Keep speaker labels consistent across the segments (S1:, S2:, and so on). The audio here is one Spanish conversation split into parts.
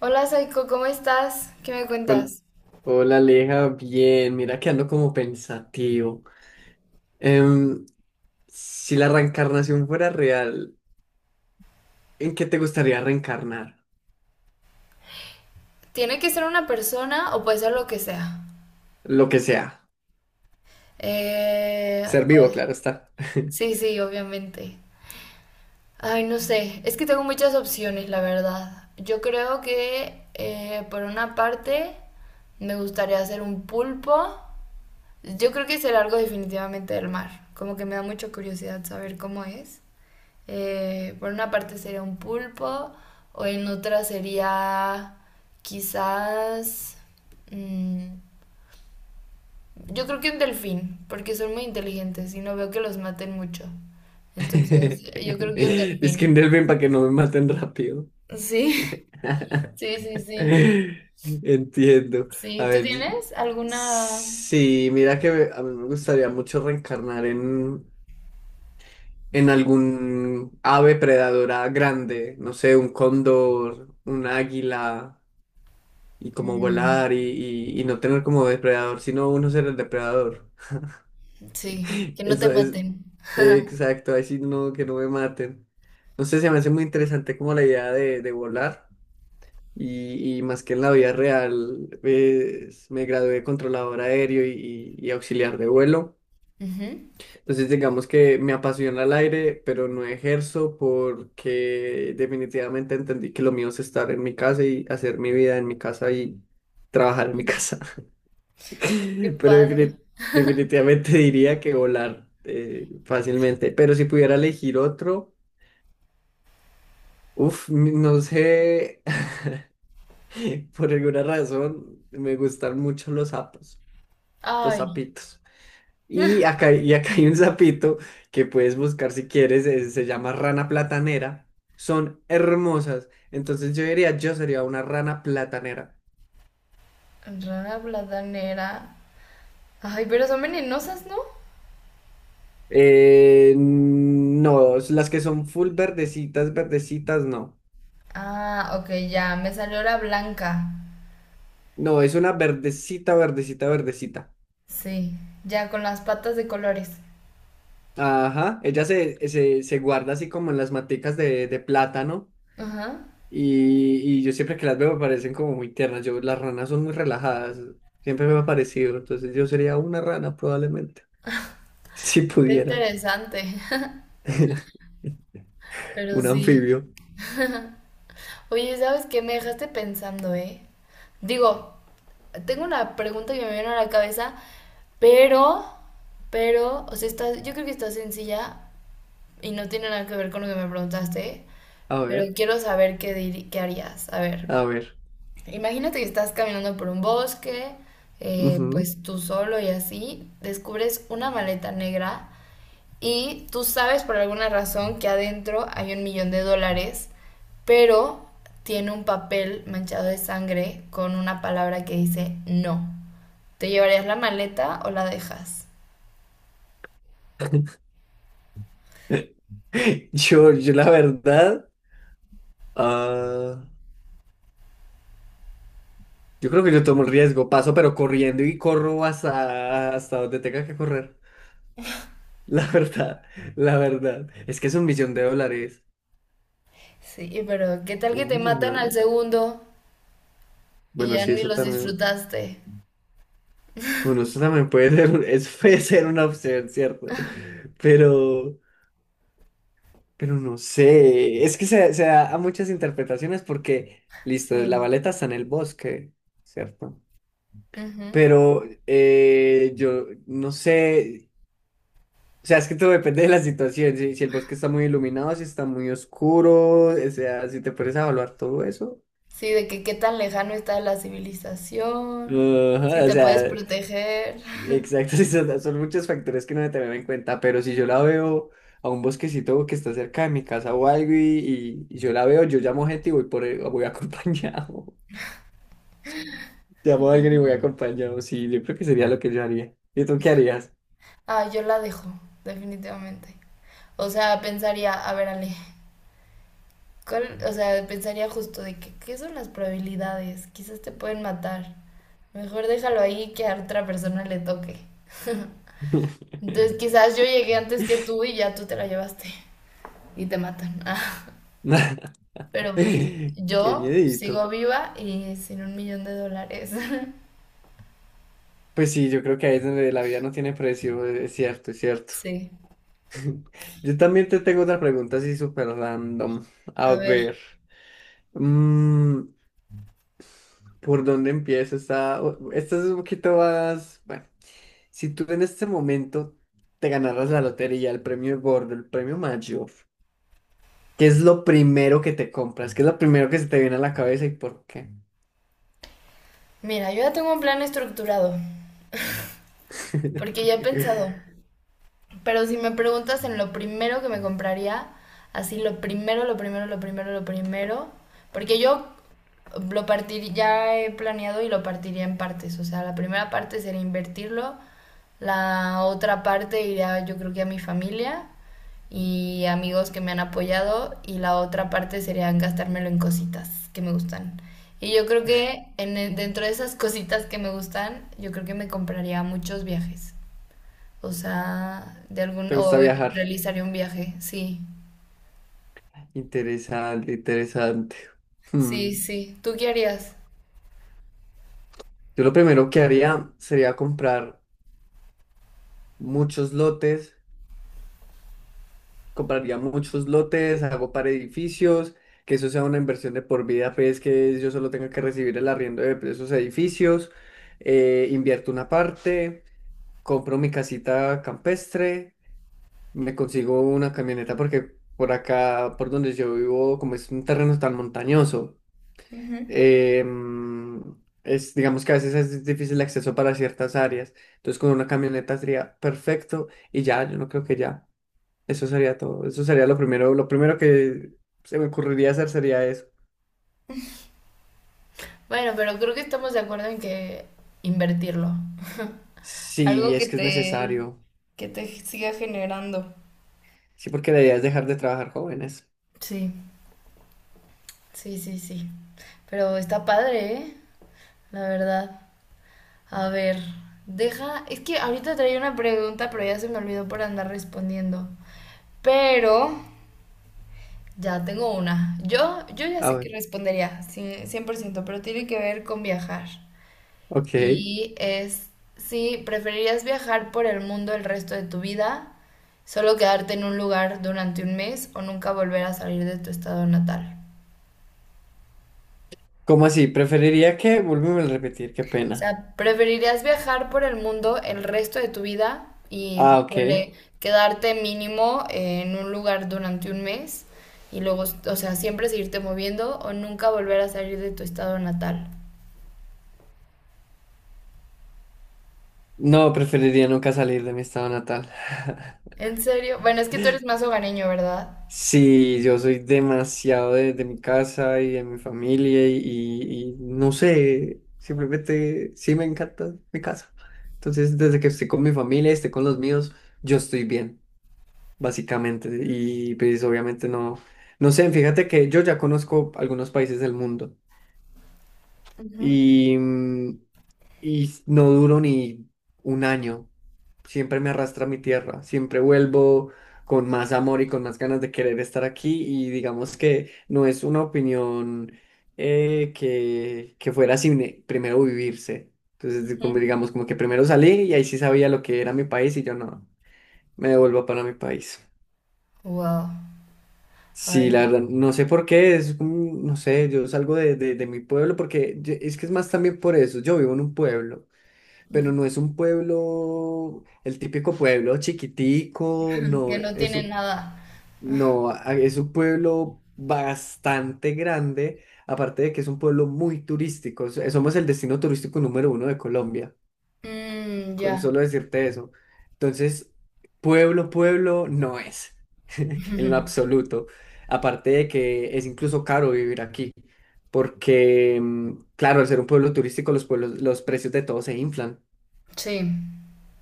S1: Hola Saiko, ¿cómo estás? ¿Qué me
S2: Hol-
S1: cuentas?
S2: Hola Aleja, bien, mira que ando como pensativo. Em, si la reencarnación fuera real, ¿en qué te gustaría reencarnar?
S1: ¿Tiene que ser una persona o puede ser lo que sea?
S2: Lo que sea.
S1: Eh,
S2: Ser
S1: oh,
S2: vivo, claro está.
S1: sí, sí, obviamente. Ay, no sé, es que tengo muchas opciones, la verdad. Yo creo que por una parte me gustaría hacer un pulpo. Yo creo que es el algo definitivamente del mar. Como que me da mucha curiosidad saber cómo es. Por una parte sería un pulpo, o en otra sería quizás, mm, yo creo que un delfín, porque son muy inteligentes y no veo que los maten mucho. Entonces, yo creo que un
S2: Es que
S1: delfín.
S2: bien para que no me maten rápido.
S1: Sí, sí, sí, sí.
S2: Entiendo.
S1: Sí,
S2: A
S1: ¿tú
S2: ver,
S1: tienes alguna...
S2: sí, mira que a mí me gustaría mucho reencarnar en algún ave predadora grande, no sé, un cóndor, un águila, y como
S1: Mm,
S2: volar y no tener como depredador, sino uno ser el depredador.
S1: sí, que no te
S2: Eso es
S1: maten?
S2: exacto, así no, que no me maten. No sé, se me hace muy interesante como la idea de volar. Y más que en la vida real, pues, me gradué de controlador aéreo y auxiliar de vuelo.
S1: Ujú.
S2: Entonces, digamos que me apasiona el aire, pero no ejerzo porque definitivamente entendí que lo mío es estar en mi casa y hacer mi vida en mi casa y trabajar en mi casa.
S1: Qué
S2: Pero
S1: padre.
S2: definitivamente diría que volar, fácilmente. Pero si pudiera elegir otro, uff, no sé, por alguna razón me gustan mucho los sapos, los
S1: Ay.
S2: sapitos. Y acá hay un sapito que puedes buscar si quieres, se llama rana platanera. Son hermosas. Entonces yo diría, yo sería una rana platanera.
S1: Rara bladanera. Ay, pero son venenosas, ¿no?
S2: No, las que son full verdecitas, verdecitas, no.
S1: Ah, ok, ya. Me salió la blanca.
S2: No, es una verdecita, verdecita, verdecita.
S1: Sí, ya con las patas de colores.
S2: Ajá, ella se guarda así como en las maticas de plátano.
S1: Ajá.
S2: Y yo siempre que las veo me parecen como muy tiernas. Yo, las ranas son muy relajadas. Siempre me ha parecido. Entonces yo sería una rana probablemente. Si
S1: Está
S2: pudiera.
S1: interesante. Pero
S2: Un
S1: sí.
S2: anfibio.
S1: Oye, ¿sabes qué? Me dejaste pensando, ¿eh? Digo, tengo una pregunta que me viene a la cabeza, pero, pero o sea, está, yo creo que está sencilla y no tiene nada que ver con lo que me preguntaste,
S2: A
S1: pero
S2: ver,
S1: quiero saber qué, qué harías. A ver.
S2: a ver.
S1: Imagínate que estás caminando por un bosque,
S2: Ujú.
S1: pues tú solo y así, descubres una maleta negra y tú sabes por alguna razón que adentro hay $1,000,000, pero tiene un papel manchado de sangre con una palabra que dice no. ¿Te llevarías la maleta o la dejas?
S2: Yo la verdad, ah, yo creo que yo tomo el riesgo. Paso pero corriendo y corro hasta donde tenga que correr. La verdad, la verdad. Es que es 1 millón de dólares.
S1: Sí, pero ¿qué tal que
S2: Un
S1: te
S2: millón de
S1: matan al
S2: dólares.
S1: segundo y
S2: Bueno,
S1: ya
S2: sí,
S1: ni
S2: eso
S1: los
S2: también.
S1: disfrutaste?
S2: Bueno, eso también puede ser, es puede ser una opción, ¿cierto? Pero, pero no sé, es que se da a muchas interpretaciones porque, listo, la
S1: Sí.
S2: baleta está en el bosque, ¿cierto?
S1: Ujú.
S2: Pero, yo no sé, o sea, es que todo depende de la situación, si el bosque está muy iluminado, si está muy oscuro, o sea, si te puedes evaluar todo eso.
S1: Sí, de que qué tan lejano está la civilización, si
S2: Ajá, o
S1: te puedes
S2: sea,
S1: proteger.
S2: exacto, sí, son muchos factores que no se tener en cuenta, pero si yo la veo a un bosquecito que está cerca de mi casa o algo y yo la veo, yo llamo gente y voy acompañado. Llamo a alguien y voy acompañado. Sí, yo creo que sería lo que yo haría. ¿Y tú qué harías?
S1: Ah, yo la dejo, definitivamente. O sea, pensaría, a ver, Ale, ¿cuál- o sea, pensaría justo de que, qué son las probabilidades, quizás te pueden matar. Mejor déjalo ahí que a otra persona le toque. Entonces, quizás yo llegué antes que tú y ya tú te la llevaste y te matan. Ah, pero pues
S2: Qué
S1: yo sigo
S2: miedito.
S1: viva y sin $1,000,000.
S2: Pues sí, yo creo que ahí es donde la vida no tiene precio, es cierto, es cierto.
S1: Sí,
S2: Yo también te tengo otra pregunta así súper random. A
S1: a ver.
S2: ver. mm, ¿Por dónde empiezo? Esta es un poquito más, bueno, si tú en este momento te ganaras la lotería, el premio gordo, el premio mayor, ¿qué es lo primero que te compras? ¿Qué es lo primero que se te viene a la cabeza y por qué?
S1: Mira, yo ya tengo un plan estructurado, porque ya he pensado, pero si me preguntas en lo primero que me compraría, así lo primero, lo primero, lo primero, lo primero, porque yo lo partiría, ya he planeado y lo partiría en partes, o sea, la primera parte sería invertirlo, la otra parte iría yo creo que a mi familia y amigos que me han apoyado y la otra parte sería gastármelo en cositas que me gustan. Y yo creo que en, dentro de esas cositas que me gustan, yo creo que me compraría muchos viajes. O sea, de algún,
S2: ¿Te
S1: o
S2: gusta viajar?
S1: realizaría un viaje, sí.
S2: Interesante, interesante. Hmm.
S1: Sí, sí. ¿Tú qué harías?
S2: Yo lo primero que haría sería comprar muchos lotes, compraría muchos lotes, hago para edificios, que eso sea una inversión de por vida, pues que yo solo tenga que recibir el arriendo de esos edificios, invierto una parte, compro mi casita campestre, me consigo una camioneta porque por acá, por donde yo vivo, como es un terreno tan montañoso,
S1: Ujú.
S2: em, es, digamos que a veces es difícil el acceso para ciertas áreas, entonces con una camioneta sería perfecto y ya, yo no creo que ya. Eso sería todo. Eso sería lo primero que se me ocurriría hacer sería eso.
S1: Bueno, pero creo que estamos de acuerdo en que invertirlo.
S2: Sí,
S1: Algo
S2: es que es necesario.
S1: que te siga generando.
S2: Sí, porque la idea es dejar de trabajar jóvenes.
S1: Sí, sí, sí, sí. Pero está padre, ¿eh? La verdad. A ver, deja. Es que ahorita traía una pregunta, pero ya se me olvidó por andar respondiendo. Pero ya tengo una. Yo ya
S2: A
S1: sé que
S2: ver,
S1: respondería, sí, 100% pero tiene que ver con viajar.
S2: ok.
S1: Y es si preferirías viajar por el mundo el resto de tu vida, solo quedarte en un lugar durante un mes o nunca volver a salir de tu estado natal.
S2: ¿Cómo así? Preferiría que, vuélveme a repetir, qué
S1: O
S2: pena.
S1: sea, preferirías viajar por el mundo el resto de tu vida y
S2: Ah, ok.
S1: ponle, quedarte mínimo en un lugar durante un mes y luego, o sea, siempre seguirte moviendo o nunca volver a salir de tu estado natal.
S2: No, preferiría nunca salir de mi estado natal.
S1: ¿En serio? Bueno, es que tú eres más hogareño, ¿verdad?
S2: Sí, yo soy demasiado de mi casa y de mi familia y, y no sé, simplemente sí me encanta mi casa. Entonces, desde que estoy con mi familia, esté con los míos, yo estoy bien, básicamente. Y pues obviamente no, no sé, fíjate que yo ya conozco algunos países del mundo
S1: Ujú.
S2: y, mm, y no duro ni un año. Siempre me arrastra a mi tierra, siempre vuelvo con más amor y con más ganas de querer estar aquí y digamos que no es una opinión, que fuera sin primero vivirse. Entonces, como digamos, como que primero salí y ahí sí sabía lo que era mi país y yo no, me devuelvo para mi país.
S1: Wow.
S2: Sí,
S1: Ay,
S2: la verdad, no sé por qué, es como, no sé, yo salgo de mi pueblo porque es que es más también por eso, yo vivo en un pueblo. Pero no es un pueblo, el típico pueblo chiquitico, no,
S1: que no
S2: es
S1: tiene
S2: un,
S1: nada.
S2: no, es un pueblo bastante grande, aparte de que es un pueblo muy turístico, somos el destino turístico número uno de Colombia,
S1: Mm,
S2: con
S1: ya.
S2: solo decirte eso. Entonces, pueblo, pueblo no es, en lo absoluto, aparte de que es incluso caro vivir aquí. Porque, claro, al ser un pueblo turístico, los pueblos, los precios de todo se inflan.
S1: Sí.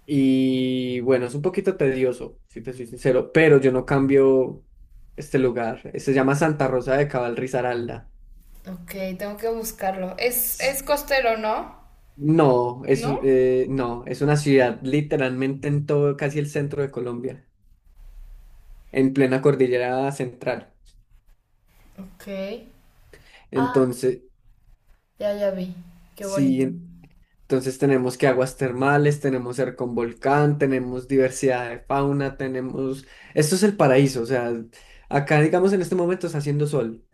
S2: Y bueno, es un poquito tedioso, si te soy sincero, pero yo no cambio este lugar. Se llama Santa Rosa de Cabal, Risaralda.
S1: Ok, tengo que buscarlo.
S2: S-
S1: Es costero, ¿no?
S2: No,
S1: ¿No?
S2: no, es una ciudad literalmente en todo, casi el centro de Colombia, en plena cordillera central.
S1: Ok. Ah,
S2: Entonces,
S1: ya, ya vi. Qué
S2: sí,
S1: bonito.
S2: entonces tenemos que aguas termales, tenemos ser con volcán, tenemos diversidad de fauna, tenemos... Esto es el paraíso, o sea, acá digamos en este momento está haciendo sol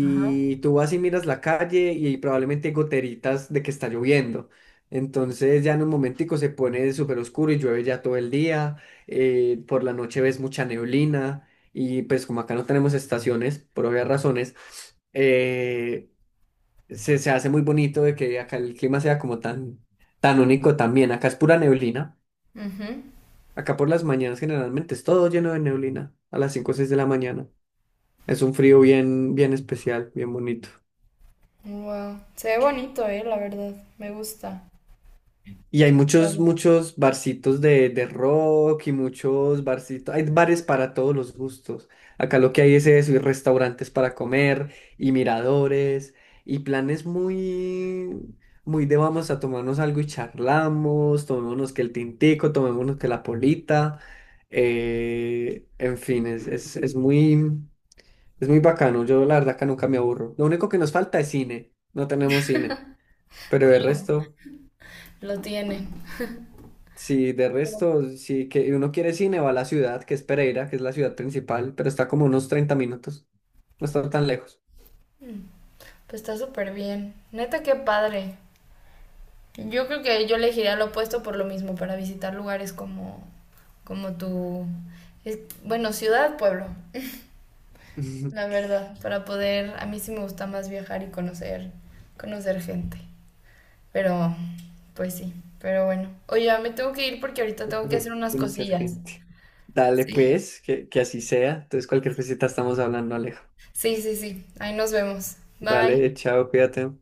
S1: Ajá.
S2: tú vas y miras la calle y probablemente hay goteritas de que está lloviendo. Entonces ya en un momentico se pone súper oscuro y llueve ya todo el día, por la noche ves mucha neblina y pues como acá no tenemos estaciones, por obvias razones, eh, se hace muy bonito de que acá el clima sea como tan, tan único también. Acá es pura neblina.
S1: Ujú.
S2: Acá por las mañanas generalmente es todo lleno de neblina a las 5 o 6 de la mañana. Es un frío bien, bien especial, bien bonito.
S1: Wow. Se ve bonito, la verdad. Me gusta.
S2: Y hay muchos,
S1: Padre.
S2: muchos barcitos de rock y muchos barcitos. Hay bares para todos los gustos. Acá lo que hay es eso, y restaurantes para comer, y miradores, y planes muy, muy de vamos a tomarnos algo y charlamos, tomémonos que el tintico, tomémonos que la polita. Eh, en fin, es muy bacano. Yo la verdad que nunca me aburro. Lo único que nos falta es cine. No tenemos cine. Pero el resto.
S1: Lo tiene.
S2: Sí, de resto, sí, que uno quiere cine, va a la ciudad, que es Pereira, que es la ciudad principal, pero está como unos 30 minutos. No está tan lejos.
S1: Pues está súper bien. Neta, qué padre. Yo creo que yo elegiría lo opuesto por lo mismo, para visitar lugares como, como tu, bueno, ciudad, pueblo, la verdad, para poder, a mí sí me gusta más viajar y conocer, conocer gente, pero, pues sí, pero bueno. Oye, ya me tengo que ir porque ahorita tengo que hacer unas
S2: Conocer
S1: cosillas.
S2: gente. Dale,
S1: Sí,
S2: pues, que así sea. Entonces, cualquier cosita estamos hablando, Alejo.
S1: sí, sí, sí, ahí nos vemos.
S2: Dale,
S1: Bye.
S2: chao, cuídate.